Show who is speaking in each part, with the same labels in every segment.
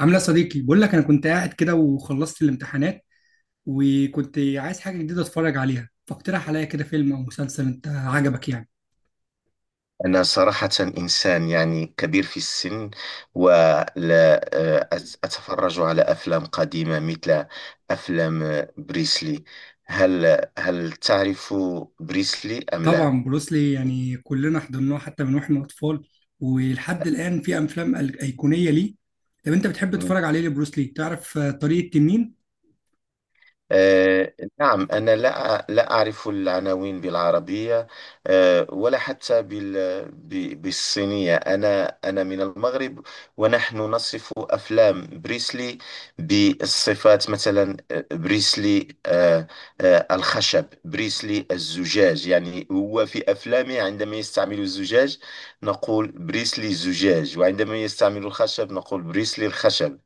Speaker 1: عامله يا صديقي، بقول لك انا كنت قاعد كده وخلصت الامتحانات، وكنت عايز حاجه جديده اتفرج عليها. فاقترح عليا كده فيلم او مسلسل انت عجبك يعني.
Speaker 2: أنا صراحة إنسان، يعني كبير في السن ولا، أتفرج على أفلام قديمة مثل أفلام بريسلي. هل هل تعرف بريسلي أم لا؟
Speaker 1: طبعا بروسلي، يعني كلنا حضرناه حتى من واحنا اطفال، ولحد الان في افلام ايقونيه ليه. طب انت بتحب تتفرج عليه لبروسلي؟ تعرف طريق التنين؟
Speaker 2: آه، نعم، أنا لا أعرف العناوين بالعربية، ولا حتى بالصينية. أنا من المغرب، ونحن نصف أفلام بريسلي بالصفات، مثلا بريسلي الخشب، بريسلي الزجاج. يعني هو في أفلامه عندما يستعمل الزجاج نقول بريسلي الزجاج، وعندما يستعمل الخشب نقول بريسلي الخشب.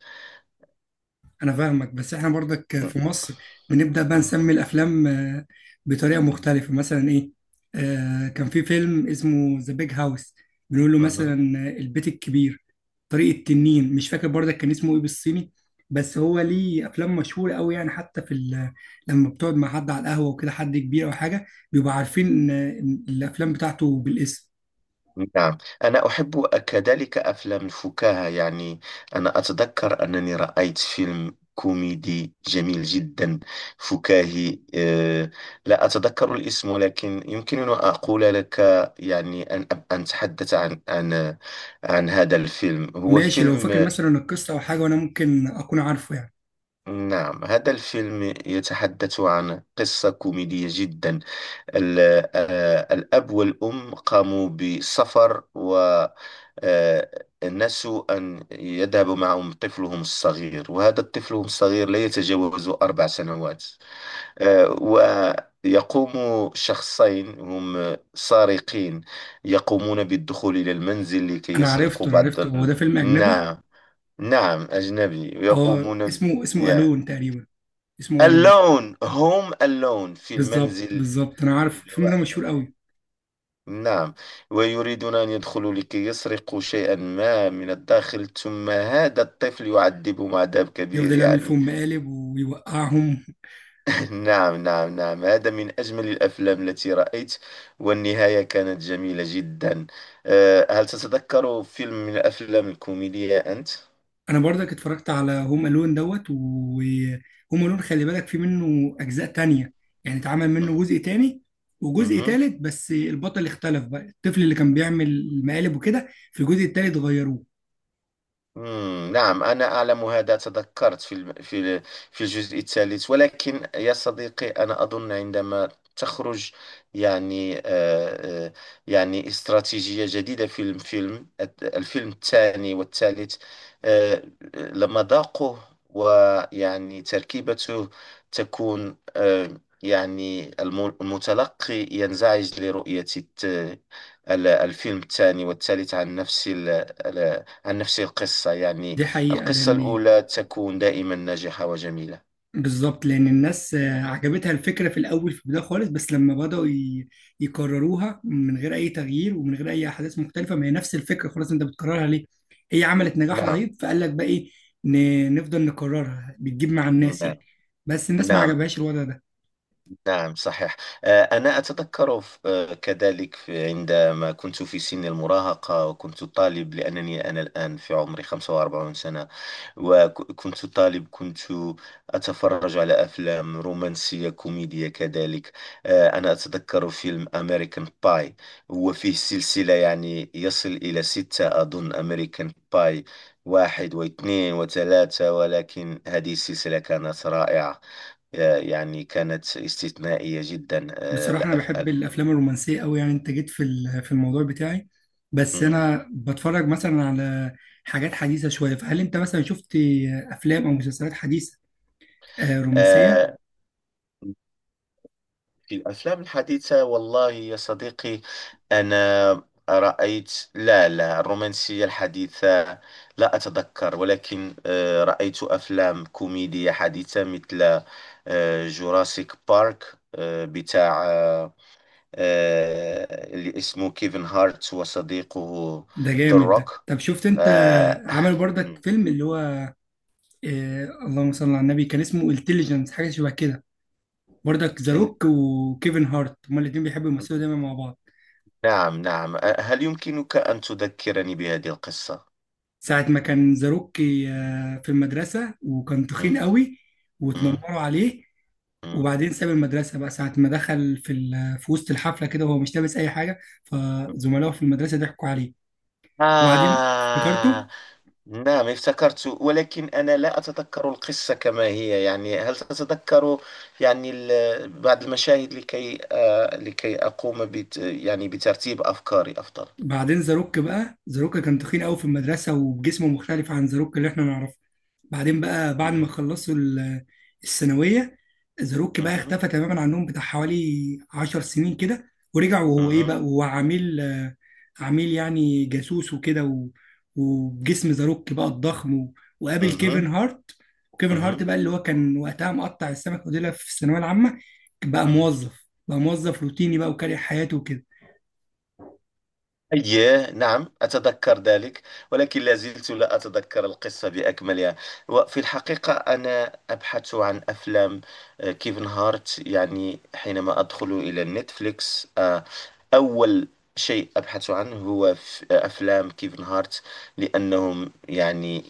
Speaker 1: انا فاهمك، بس احنا برضك في مصر بنبدا بقى
Speaker 2: م-
Speaker 1: نسمي الافلام بطريقه مختلفه. مثلا ايه؟ آه كان في فيلم اسمه ذا بيج هاوس، بنقول له
Speaker 2: م-
Speaker 1: مثلا
Speaker 2: م-
Speaker 1: البيت الكبير. طريق التنين مش فاكر برضك كان اسمه ايه بالصيني، بس هو ليه افلام مشهوره قوي يعني، حتى لما بتقعد مع حد على القهوه وكده، حد كبير او حاجه، بيبقوا عارفين الافلام بتاعته بالاسم.
Speaker 2: نعم، أنا أحب كذلك أفلام الفكاهة. يعني أنا أتذكر أنني رأيت فيلم كوميدي جميل جدا، فكاهي. لا أتذكر الاسم، ولكن يمكنني أن أقول لك، يعني أن أتحدث عن عن هذا الفيلم. هو
Speaker 1: ماشي، لو فاكر
Speaker 2: فيلم.
Speaker 1: مثلا القصه او حاجه وانا ممكن اكون عارفه يعني.
Speaker 2: نعم، هذا الفيلم يتحدث عن قصة كوميدية جدا. ال- الأب والأم قاموا بسفر، و الناس أن يذهب معهم طفلهم الصغير، وهذا الطفل الصغير لا يتجاوز أربع سنوات. آه، ويقوم شخصين هم سارقين، يقومون بالدخول إلى المنزل لكي
Speaker 1: انا
Speaker 2: يسرقوا
Speaker 1: عرفته انا
Speaker 2: بعض
Speaker 1: عرفته هو ده فيلم اجنبي.
Speaker 2: نعم، نعم أجنبي،
Speaker 1: اه
Speaker 2: ويقومون
Speaker 1: اسمه الون
Speaker 2: yeah.
Speaker 1: تقريبا. اسمه الون.
Speaker 2: alone، هم alone في
Speaker 1: بالظبط
Speaker 2: المنزل،
Speaker 1: بالظبط انا عارف الفيلم ده مشهور
Speaker 2: لوحدهم.
Speaker 1: قوي.
Speaker 2: نعم، ويريدون أن يدخلوا لكي يسرقوا شيئا ما من الداخل، ثم هذا الطفل يعذبهم عذاب كبير
Speaker 1: يفضل يعمل
Speaker 2: يعني.
Speaker 1: فيهم مقالب ويوقعهم.
Speaker 2: نعم نعم نعم، هذا من أجمل الأفلام التي رأيت، والنهاية كانت جميلة جدا. أه، هل تتذكر فيلم من الأفلام الكوميدية أنت؟
Speaker 1: انا برضك اتفرجت على هوم الون دوت، وهوم الون خلي بالك في منه اجزاء تانية، يعني اتعمل منه
Speaker 2: مم.
Speaker 1: جزء تاني وجزء
Speaker 2: مهم.
Speaker 1: تالت، بس البطل اختلف بقى. الطفل اللي كان بيعمل المقالب وكده، في الجزء التالت غيروه.
Speaker 2: مم، نعم أنا أعلم هذا، تذكرت في الجزء الثالث. ولكن يا صديقي، أنا أظن عندما تخرج، يعني آه، استراتيجية جديدة في الفيلم، الفيلم الثاني والثالث، آه، لما ذاقه ويعني تركيبته تكون، يعني المتلقي ينزعج لرؤية الفيلم الثاني والثالث عن نفس ال- عن نفس القصة يعني.
Speaker 1: دي حقيقة،
Speaker 2: القصة
Speaker 1: لان
Speaker 2: الأولى تكون دائما ناجحة وجميلة.
Speaker 1: بالظبط، لان الناس عجبتها الفكره في الاول، في البدايه خالص، بس لما بداوا يكرروها من غير اي تغيير ومن غير اي احداث مختلفه، ما هي نفس الفكره، خلاص انت بتكررها ليه؟ هي عملت نجاح
Speaker 2: نعم
Speaker 1: رهيب، فقال لك بقى ايه، نفضل نكررها بتجيب مع الناس
Speaker 2: نعم
Speaker 1: يعني. بس الناس ما
Speaker 2: نعم.
Speaker 1: عجبهاش الوضع ده.
Speaker 2: نعم صحيح. أنا أتذكر كذلك عندما كنت في سن المراهقة وكنت طالب، لأنني أنا الآن في عمري 45 سنة. وكنت طالب، كنت أتفرج على أفلام رومانسية كوميدية كذلك. أنا أتذكر فيلم أمريكان باي، هو فيه سلسلة يعني يصل إلى ستة أظن، أمريكان باي واحد واثنين وثلاثة، ولكن هذه السلسلة كانت رائعة. يعني كانت استثنائية جدا.
Speaker 1: بصراحه انا بحب الافلام الرومانسيه قوي، يعني انت جيت في الموضوع بتاعي. بس
Speaker 2: مم.
Speaker 1: انا بتفرج مثلا على حاجات حديثه شويه. فهل انت مثلا شفت افلام او مسلسلات حديثه رومانسيه؟
Speaker 2: آه، في الأفلام الحديثة والله يا صديقي، أنا رأيت، لا، لا، الرومانسية الحديثة لا أتذكر. ولكن رأيت أفلام كوميدية حديثة مثل جوراسيك بارك، بتاع اللي اسمه كيفن هارت وصديقه
Speaker 1: ده
Speaker 2: ذا
Speaker 1: جامد ده.
Speaker 2: روك.
Speaker 1: طب شفت انت
Speaker 2: آه،
Speaker 1: عملوا برضك فيلم اللي هو إيه، اللهم صل على النبي، كان اسمه انتليجنس حاجه شبه كده؟ برضك ذا
Speaker 2: إن-
Speaker 1: روك وكيفن هارت هما الاتنين بيحبوا يمثلوا دايما مع بعض.
Speaker 2: نعم نعم، هل يمكنك أن تذكرني بهذه القصة؟
Speaker 1: ساعه ما كان ذا روك في المدرسه وكان تخين
Speaker 2: مم،
Speaker 1: قوي،
Speaker 2: مم،
Speaker 1: واتنمروا عليه. وبعدين ساب المدرسه بقى. ساعه ما دخل في وسط الحفله كده وهو مش لابس اي حاجه،
Speaker 2: مم.
Speaker 1: فزملائه في المدرسه ضحكوا عليه. وبعدين
Speaker 2: آه
Speaker 1: افتكرته.
Speaker 2: نعم، افتكرت، ولكن أنا لا أتذكر القصة كما هي. يعني هل تتذكر يعني بعض المشاهد، لكي آه لكي أقوم بت، يعني بترتيب أفكاري أفضل.
Speaker 1: بعدين زاروك كان تخين قوي في المدرسه، وجسمه مختلف عن زاروك اللي احنا نعرفه. بعدين بقى بعد ما
Speaker 2: مهم،
Speaker 1: خلصوا الثانويه، زاروك بقى
Speaker 2: مهم،
Speaker 1: اختفى تماما عنهم بتاع حوالي 10 سنين كده، ورجع وهو ايه بقى،
Speaker 2: مهم،
Speaker 1: وهو عميل، عميل يعني جاسوس وكده، وبجسم زاروك بقى الضخم، وقابل كيفن
Speaker 2: مهم،
Speaker 1: هارت. وكيفن هارت
Speaker 2: مهم،
Speaker 1: بقى اللي هو كان وقتها مقطع السمك وديلها في الثانويه العامه، بقى
Speaker 2: مهم.
Speaker 1: موظف، بقى موظف روتيني بقى، وكاره حياته وكده.
Speaker 2: أيه نعم، أتذكر ذلك، ولكن لا زلت لا أتذكر القصة بأكملها. وفي الحقيقة أنا أبحث عن أفلام، كيف انهارت. يعني حينما أدخل إلى نتفليكس، أول شيء أبحث عنه هو أفلام كيفن هارت، لأنهم يعني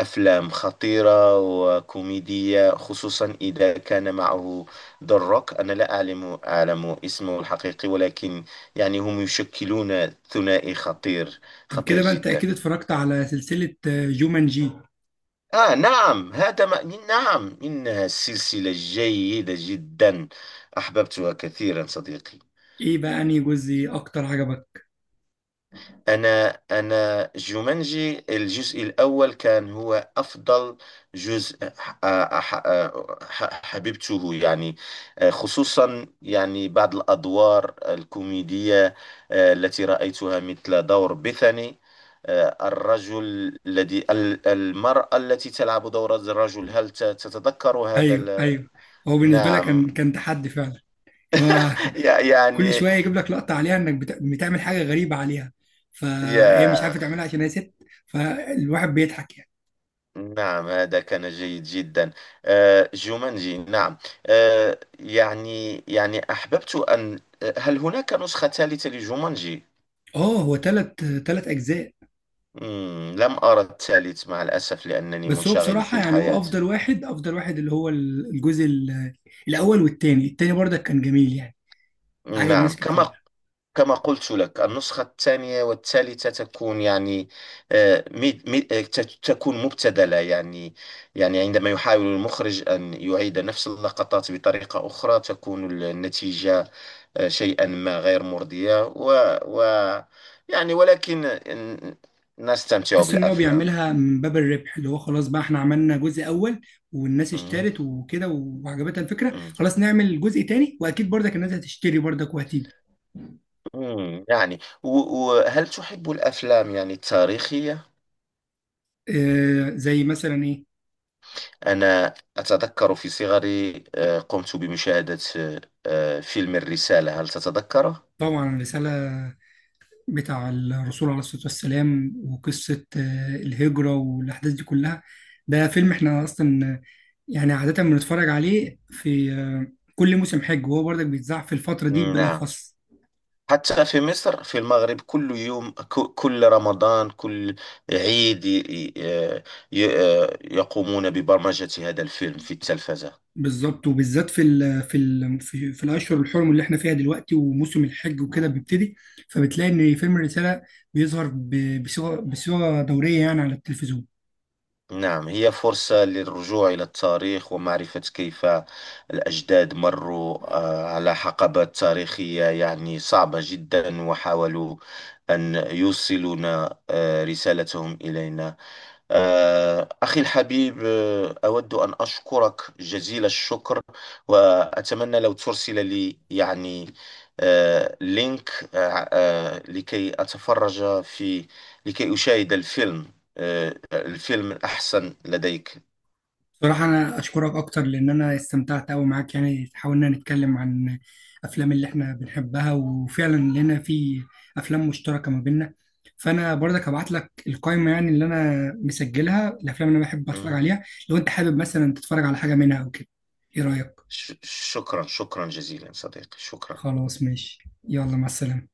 Speaker 2: أفلام خطيرة وكوميدية، خصوصا إذا كان معه ذا روك. أنا لا أعلم اسمه الحقيقي، ولكن يعني هم يشكلون ثنائي خطير،
Speaker 1: طب
Speaker 2: خطير
Speaker 1: كده بقى انت اكيد
Speaker 2: جدا.
Speaker 1: اتفرجت على سلسلة جومانجي.
Speaker 2: آه نعم، هذا ما، نعم إنها سلسلة جيدة جدا، أحببتها كثيرا صديقي.
Speaker 1: ايه بقى انهي جزء اكتر عجبك؟
Speaker 2: أنا جومانجي الجزء الأول كان هو أفضل جزء، ح- حببته يعني. خصوصا يعني بعض الأدوار الكوميدية التي رأيتها، مثل دور بيثاني. الرجل الذي المرأة التي تلعب دور الرجل، هل تتذكر هذا
Speaker 1: ايوه ايوه، هو بالنسبة لك
Speaker 2: نعم.
Speaker 1: كان كان تحدي فعلا، ان هو كل
Speaker 2: يعني
Speaker 1: شوية يجيب لك لقطة عليها انك بتعمل حاجة غريبة عليها، فهي مش
Speaker 2: يا،
Speaker 1: عارفة تعملها عشان هي ست، فالواحد بيضحك يعني.
Speaker 2: نعم هذا كان جيد جدا. جومانجي نعم. يعني أحببت أن، هل هناك نسخة ثالثة لجومانجي؟
Speaker 1: اه هو تلت اجزاء.
Speaker 2: مم، لم أرى الثالث مع الأسف، لأنني
Speaker 1: بس هو
Speaker 2: منشغل في
Speaker 1: بصراحة يعني هو
Speaker 2: الحياة.
Speaker 1: افضل واحد، اللي هو الجزء الاول والتاني. التاني برضك كان جميل يعني، عجب
Speaker 2: نعم،
Speaker 1: ناس
Speaker 2: كما
Speaker 1: كتير.
Speaker 2: كما قلت لك النسخة الثانية والثالثة تكون يعني آه، ميد- ميد- آه، ت- تكون مبتذلة يعني. يعني عندما يحاول المخرج أن يعيد نفس اللقطات بطريقة أخرى تكون النتيجة شيئا ما غير مرضية، و يعني، ولكن ن- نستمتع
Speaker 1: تحس ان هو
Speaker 2: بالأفلام.
Speaker 1: بيعملها من باب الربح، اللي هو خلاص بقى احنا عملنا جزء اول والناس
Speaker 2: مم.
Speaker 1: اشترت وكده وعجبتها الفكره،
Speaker 2: مم.
Speaker 1: خلاص نعمل جزء تاني واكيد برضك الناس هتشتري برضك وهتيجي.
Speaker 2: مم. يعني وهل تحب الأفلام يعني التاريخية؟
Speaker 1: آه زي مثلا ايه؟
Speaker 2: أنا أتذكر في صغري قمت بمشاهدة فيلم الرسالة، هل تتذكره؟
Speaker 1: طبعا الرساله، بتاع الرسول عليه الصلاه والسلام، وقصه آه الهجره والاحداث دي كلها. ده فيلم احنا اصلا يعني عاده بنتفرج عليه في آه كل موسم حج، وهو برضك بيتذاع في الفتره دي
Speaker 2: نعم،
Speaker 1: بالاخص.
Speaker 2: حتى في مصر في المغرب كل يوم، كل رمضان، كل عيد ي- آه، ي- يقومون ببرمجة هذا الفيلم في التلفزة.
Speaker 1: بالظبط، وبالذات في الاشهر الحرم اللي احنا فيها دلوقتي، وموسم الحج وكده بيبتدي، فبتلاقي ان فيلم الرساله بيظهر بصيغه دوريه يعني على التلفزيون.
Speaker 2: نعم، هي فرصة للرجوع إلى التاريخ ومعرفة كيف الأجداد مروا على حقبات تاريخية يعني صعبة جدا، وحاولوا أن يوصلون رسالتهم إلينا. أخي الحبيب، أود أن أشكرك جزيل الشكر، وأتمنى لو ترسل لي يعني لينك، لكي أتفرج في، لكي أشاهد الفيلم الفيلم الأحسن لديك.
Speaker 1: صراحه انا اشكرك اكتر، لان انا استمتعت قوي معاك يعني. حاولنا نتكلم عن افلام اللي احنا بنحبها، وفعلا لنا في افلام مشتركه ما بيننا، فانا برضك هبعت لك القائمه يعني اللي انا مسجلها الافلام اللي انا بحب اتفرج
Speaker 2: مم.
Speaker 1: عليها، لو انت حابب مثلا تتفرج على حاجه منها او كده. ايه رايك؟
Speaker 2: شكرا، شكرا جزيلا صديقي، شكرا.
Speaker 1: خلاص ماشي، يلا مع السلامة.